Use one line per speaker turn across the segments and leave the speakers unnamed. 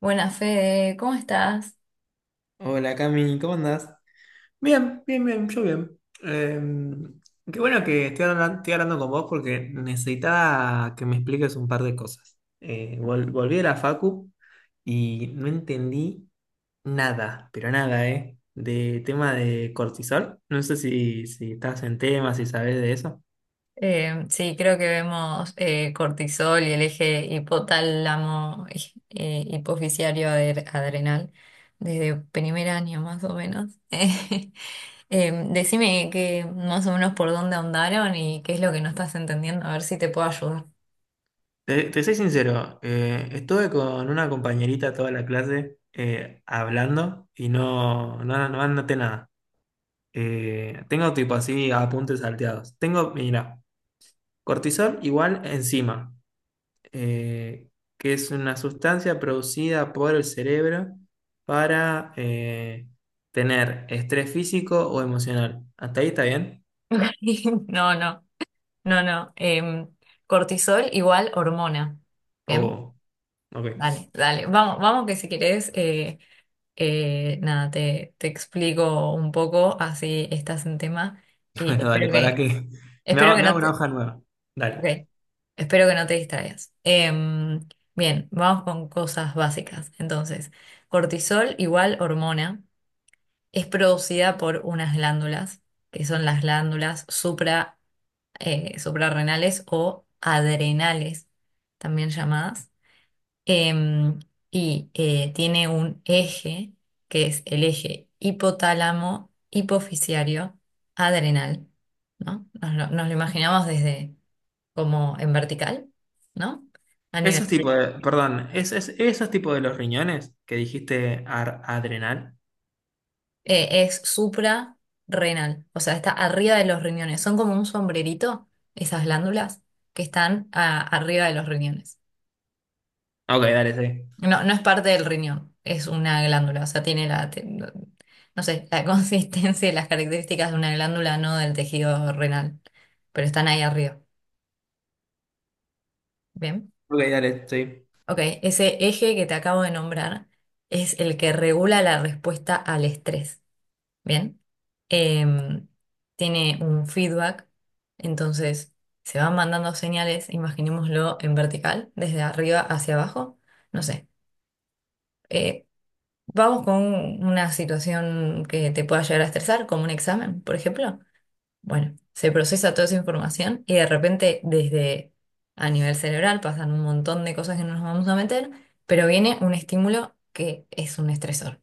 Buenas, Fede, ¿cómo estás?
Hola Cami, ¿cómo andás? Bien, bien, bien, yo bien. Eh, qué bueno que estoy hablando con vos porque necesitaba que me expliques un par de cosas. Volví de la facu y no entendí nada, pero nada, ¿eh? De tema de cortisol. No sé si estás en tema, si sabes de eso.
Sí, creo que vemos cortisol y el eje hipotálamo, hipoficiario adrenal desde primer año más o menos. Decime que más o menos por dónde andaron y qué es lo que no estás entendiendo, a ver si te puedo ayudar.
Te soy sincero, estuve con una compañerita toda la clase hablando y no anoté nada. Tengo tipo así apuntes salteados. Tengo, mira, cortisol igual enzima, eh, que es una sustancia producida por el cerebro para tener estrés físico o emocional. ¿Hasta ahí está bien?
No, no, no, no. Em, cortisol igual hormona. Bien,
O, ok.
dale, dale. Vamos, vamos que si querés. Nada, te explico un poco, así estás en tema y
Bueno, dale, para que me
espero
hago,
que
me hago
no
una hoja nueva.
ok,
Dale.
espero que no te distraigas. Em, bien, vamos con cosas básicas. Entonces, cortisol igual hormona, es producida por unas glándulas, que son las glándulas supra, suprarrenales o adrenales, también llamadas. Em, y tiene un eje, que es el eje hipotálamo, hipofisiario, adrenal, ¿no? Nos lo imaginamos desde como en vertical, ¿no? A nivel,
Esos tipos de, perdón, esos tipos de los riñones que dijiste adrenal.
es suprarrenal, o sea, está arriba de los riñones. Son como un sombrerito, esas glándulas que están arriba de los riñones.
Ok, dale, sí.
No, no es parte del riñón, es una glándula, o sea, tiene no no sé, la consistencia y las características de una glándula, no del tejido renal, pero están ahí arriba. Bien.
Ok, dale, sí.
Ok, ese eje que te acabo de nombrar es el que regula la respuesta al estrés. Bien. Em, tiene un feedback, entonces se van mandando señales, imaginémoslo en vertical, desde arriba hacia abajo, no sé. Eh, Vamos con una situación que te pueda llegar a estresar, como un examen, por ejemplo. Bueno, se procesa toda esa información y de repente desde a nivel cerebral pasan un montón de cosas que no nos vamos a meter, pero viene un estímulo que es un estresor.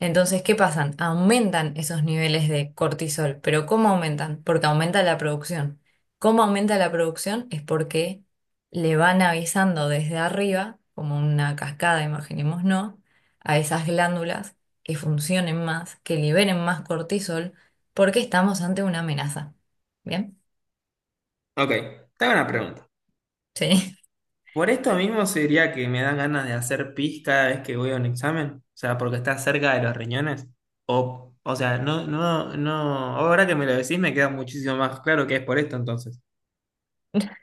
Entonces, ¿qué pasan? Aumentan esos niveles de cortisol, pero ¿cómo aumentan? Porque aumenta la producción. ¿Cómo aumenta la producción? Es porque le van avisando desde arriba, como una cascada, imaginemos, ¿no? A esas glándulas que funcionen más, que liberen más cortisol porque estamos ante una amenaza. ¿Bien?
Ok, te hago una pregunta.
Sí.
Por esto mismo se diría que me dan ganas de hacer pis cada vez que voy a un examen, o sea, porque está cerca de los riñones. O sea, no, no, no, ahora que me lo decís me queda muchísimo más claro que es por esto entonces.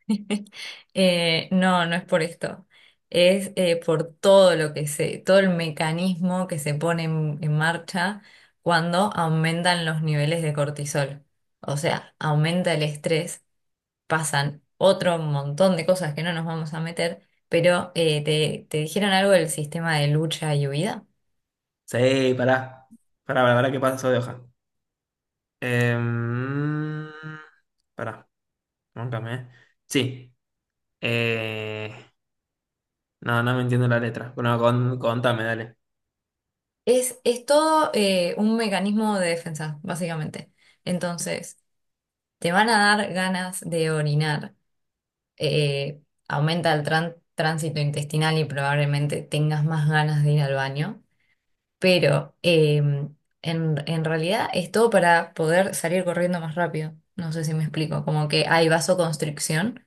No, no es por esto. Es por todo lo que se, todo el mecanismo que se pone en marcha cuando aumentan los niveles de cortisol. O sea, aumenta el estrés, pasan otro montón de cosas que no nos vamos a meter, pero te dijeron algo del sistema de lucha y huida.
Sí, pará que pasó de hoja. Em, pará, móncame, eh. Sí, eh, no, no me entiendo la letra. Bueno, contame, dale.
Es todo un mecanismo de defensa, básicamente. Entonces, te van a dar ganas de orinar. Eh, aumenta el tránsito intestinal y probablemente tengas más ganas de ir al baño. Pero en realidad es todo para poder salir corriendo más rápido. No sé si me explico. Como que hay vasoconstricción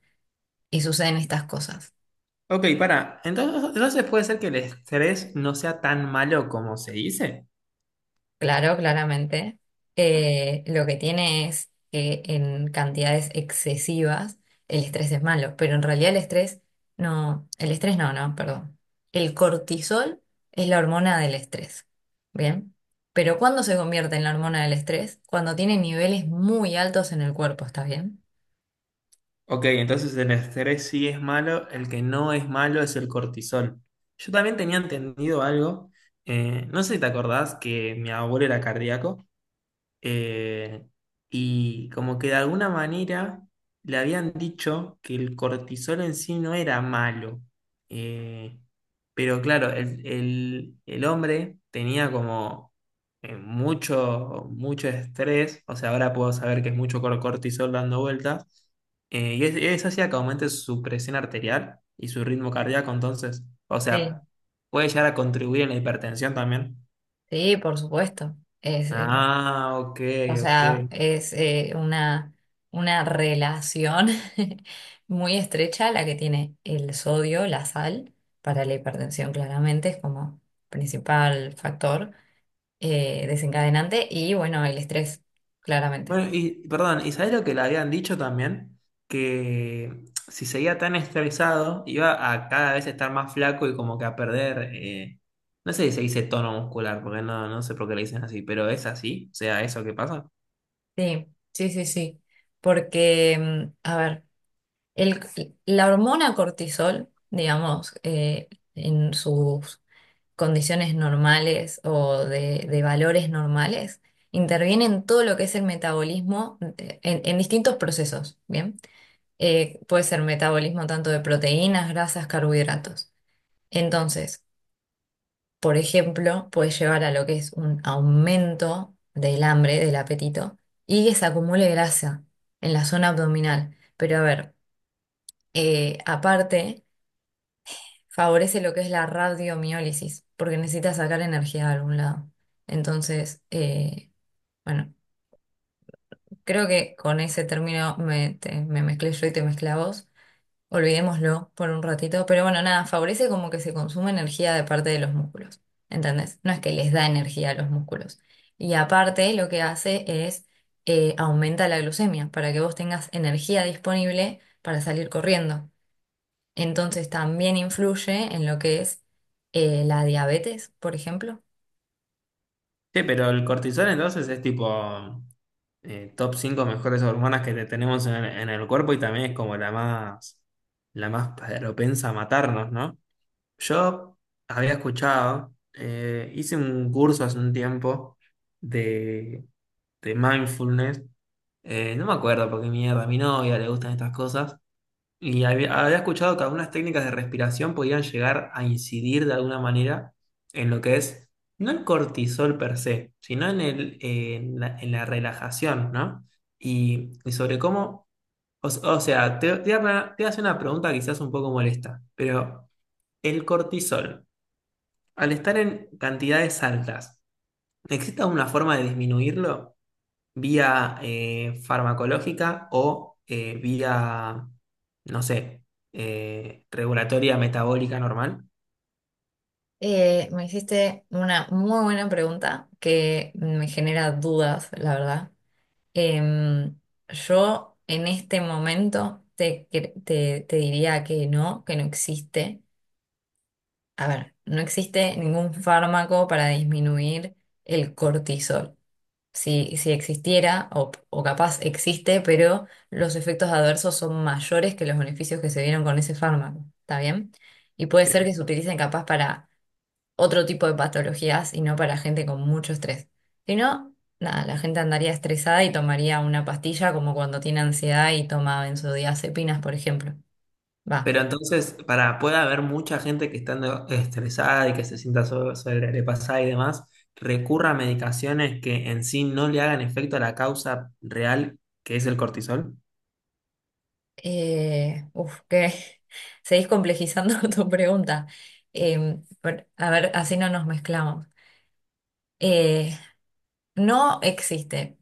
y suceden estas cosas.
Ok, pará, entonces puede ser que el estrés no sea tan malo como se dice.
Claro, claramente. Lo que tiene es que en cantidades excesivas el estrés es malo, pero en realidad el estrés no, no, perdón. El cortisol es la hormona del estrés, ¿bien? Pero ¿cuándo se convierte en la hormona del estrés? Cuando tiene niveles muy altos en el cuerpo, ¿está bien?
Ok, entonces el estrés sí es malo, el que no es malo es el cortisol. Yo también tenía entendido algo, no sé si te acordás que mi abuelo era cardíaco, eh, y como que de alguna manera le habían dicho que el cortisol en sí no era malo. Eh, pero claro, el hombre tenía como mucho, mucho estrés, o sea, ahora puedo saber que es mucho cortisol dando vueltas, eso hacía que aumente su presión arterial y su ritmo cardíaco, entonces, o
Sí.
sea, puede llegar a contribuir en la hipertensión también.
Sí, por supuesto.
Ah, ok,
O
ok.
sea, es una relación muy estrecha la que tiene el sodio, la sal, para la hipertensión claramente es como principal factor desencadenante y bueno, el estrés, claramente.
Bueno, y perdón, ¿y sabés lo que le habían dicho también? Que si seguía tan estresado, iba a cada vez estar más flaco y como que a perder, no sé si se dice tono muscular, porque no, no sé por qué le dicen así, pero es así, o sea, eso que pasa.
Sí, sí, sí, sí. Porque, mm, a ver, el, la hormona cortisol, digamos, en sus condiciones normales o de valores normales, interviene en todo lo que es el metabolismo en distintos procesos, ¿bien? Puede ser metabolismo tanto de proteínas, grasas, carbohidratos. Entonces, por ejemplo, puede llevar a lo que es un aumento del hambre, del apetito, y que se acumule grasa en la zona abdominal. Pero a ver, aparte favorece lo que es la radiomiólisis, porque necesita sacar energía de algún lado. Entonces, bueno, creo que con ese término me mezclé yo y te mezclé a vos. Olvidémoslo por un ratito, pero bueno, nada, favorece como que se consume energía de parte de los músculos, ¿entendés? No es que les da energía a los músculos. Y aparte lo que hace es aumenta la glucemia para que vos tengas energía disponible para salir corriendo. Entonces también influye en lo que es la diabetes, por ejemplo.
Sí, pero el cortisol entonces es tipo top 5 mejores hormonas que tenemos en el cuerpo y también es como la más propensa a matarnos, ¿no? Yo había escuchado, hice un curso hace un tiempo de, de mindfulness. No me acuerdo porque mierda, a mi novia le gustan estas cosas. Y había escuchado que algunas técnicas de respiración podían llegar a incidir de alguna manera en lo que es, no el cortisol per se, sino en en la relajación, ¿no? Y sobre cómo, te voy a hacer una pregunta quizás un poco molesta, pero el cortisol al estar en cantidades altas, ¿existe alguna forma de disminuirlo vía farmacológica o vía, no sé, regulatoria metabólica normal?
Me hiciste una muy buena pregunta que me genera dudas, la verdad. Em, yo en este momento te diría que no existe. A ver, no existe ningún fármaco para disminuir el cortisol. Si, si existiera, o capaz existe, pero los efectos adversos son mayores que los beneficios que se dieron con ese fármaco, ¿está bien? Y puede ser que
Bien.
se utilicen capaz para otro tipo de patologías y no para gente con mucho estrés. Si no, nada, la gente andaría estresada y tomaría una pastilla como cuando tiene ansiedad y toma benzodiazepinas, por ejemplo. Va.
Pero entonces, para pueda haber mucha gente que estando estresada y que se sienta sobrepasada y demás, recurra a medicaciones que en sí no le hagan efecto a la causa real, que es el cortisol.
Uf, que seguís complejizando tu pregunta. A ver, así no nos mezclamos. Eh, No existe,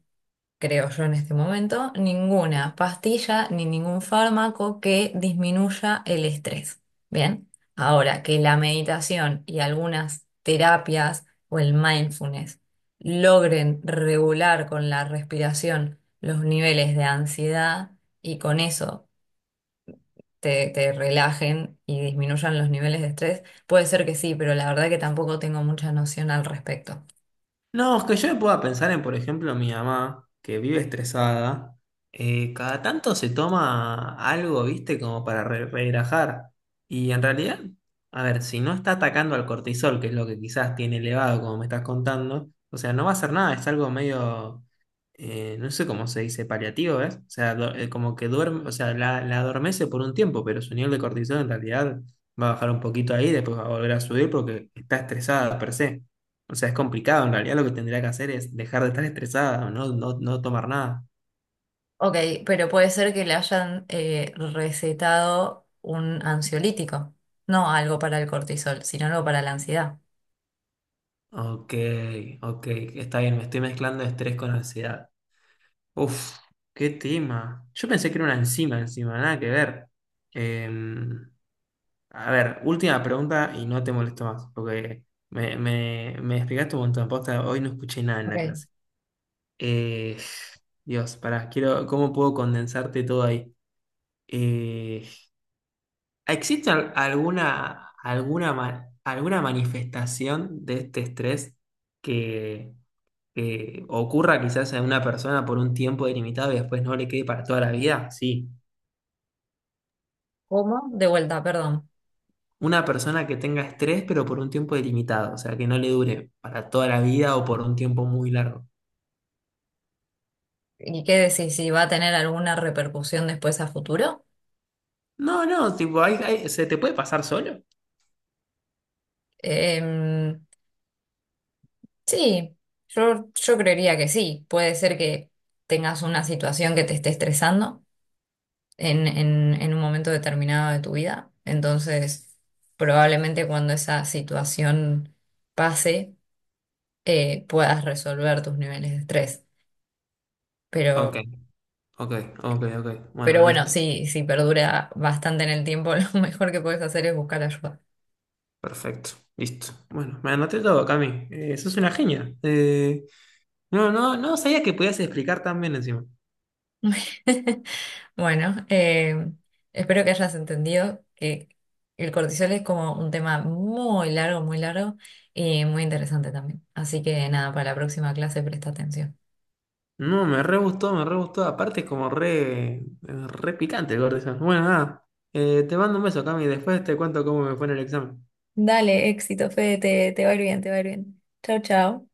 creo yo en este momento, ninguna pastilla ni ningún fármaco que disminuya el estrés. Bien, ahora que la meditación y algunas terapias o el mindfulness logren regular con la respiración los niveles de ansiedad y con eso te relajen y disminuyan los niveles de estrés, puede ser que sí, pero la verdad que tampoco tengo mucha noción al respecto.
No, es que yo me puedo pensar en, por ejemplo, mi mamá, que vive estresada, cada tanto se toma algo, viste, como para relajar. Y en realidad, a ver, si no está atacando al cortisol, que es lo que quizás tiene elevado, como me estás contando, o sea, no va a hacer nada, es algo medio, no sé cómo se dice, paliativo, ¿ves? O sea, como que duerme, o sea, la adormece por un tiempo, pero su nivel de cortisol en realidad va a bajar un poquito ahí, después va a volver a subir porque está estresada per se. O sea, es complicado. En realidad lo que tendría que hacer es dejar de estar estresada, no tomar nada.
Ok, pero puede ser que le hayan recetado un ansiolítico, no algo para el cortisol, sino algo para la ansiedad.
Ok, ok, está bien, me estoy mezclando estrés con ansiedad. Uf, qué tema. Yo pensé que era una enzima encima, nada que ver. Em, a ver, última pregunta y no te molesto más, porque me explicaste un montón. Posta, hoy no escuché nada en la
Ok,
clase. Eh, Dios, pará, quiero, ¿cómo puedo condensarte todo ahí? Eh, ¿Existe alguna manifestación de este estrés que, que ocurra quizás en una persona por un tiempo delimitado y después no le quede para toda la vida? Sí.
¿cómo? De vuelta, perdón.
Una persona que tenga estrés pero por un tiempo delimitado, o sea, que no le dure para toda la vida o por un tiempo muy largo.
¿Y qué decís? ¿Si va a tener alguna repercusión después a futuro?
No, no, tipo, ¿se te puede pasar solo?
Em, sí, yo, yo creería que sí. Puede ser que tengas una situación que te esté estresando en un momento determinado de tu vida. Entonces, probablemente cuando esa situación pase puedas resolver tus niveles de estrés.
Ok,
Pero,
ok, ok, ok.
pero
Bueno,
bueno,
listo.
sí, si perdura bastante en el tiempo, lo mejor que puedes hacer es buscar ayuda.
Perfecto, listo. Bueno, me anoté todo, Cami. Sos una genia. No, no, no sabía que podías explicar tan bien encima.
Bueno, espero que hayas entendido que el cortisol es como un tema muy largo y muy interesante también. Así que nada, para la próxima clase presta atención.
No, me re gustó, me re gustó. Aparte es como re, re picante el Gordon. Bueno, nada. Te mando un beso, Cami. Después te cuento cómo me fue en el examen.
Dale, éxito, Fede, te va a ir bien, te va a ir bien. Chao, chao.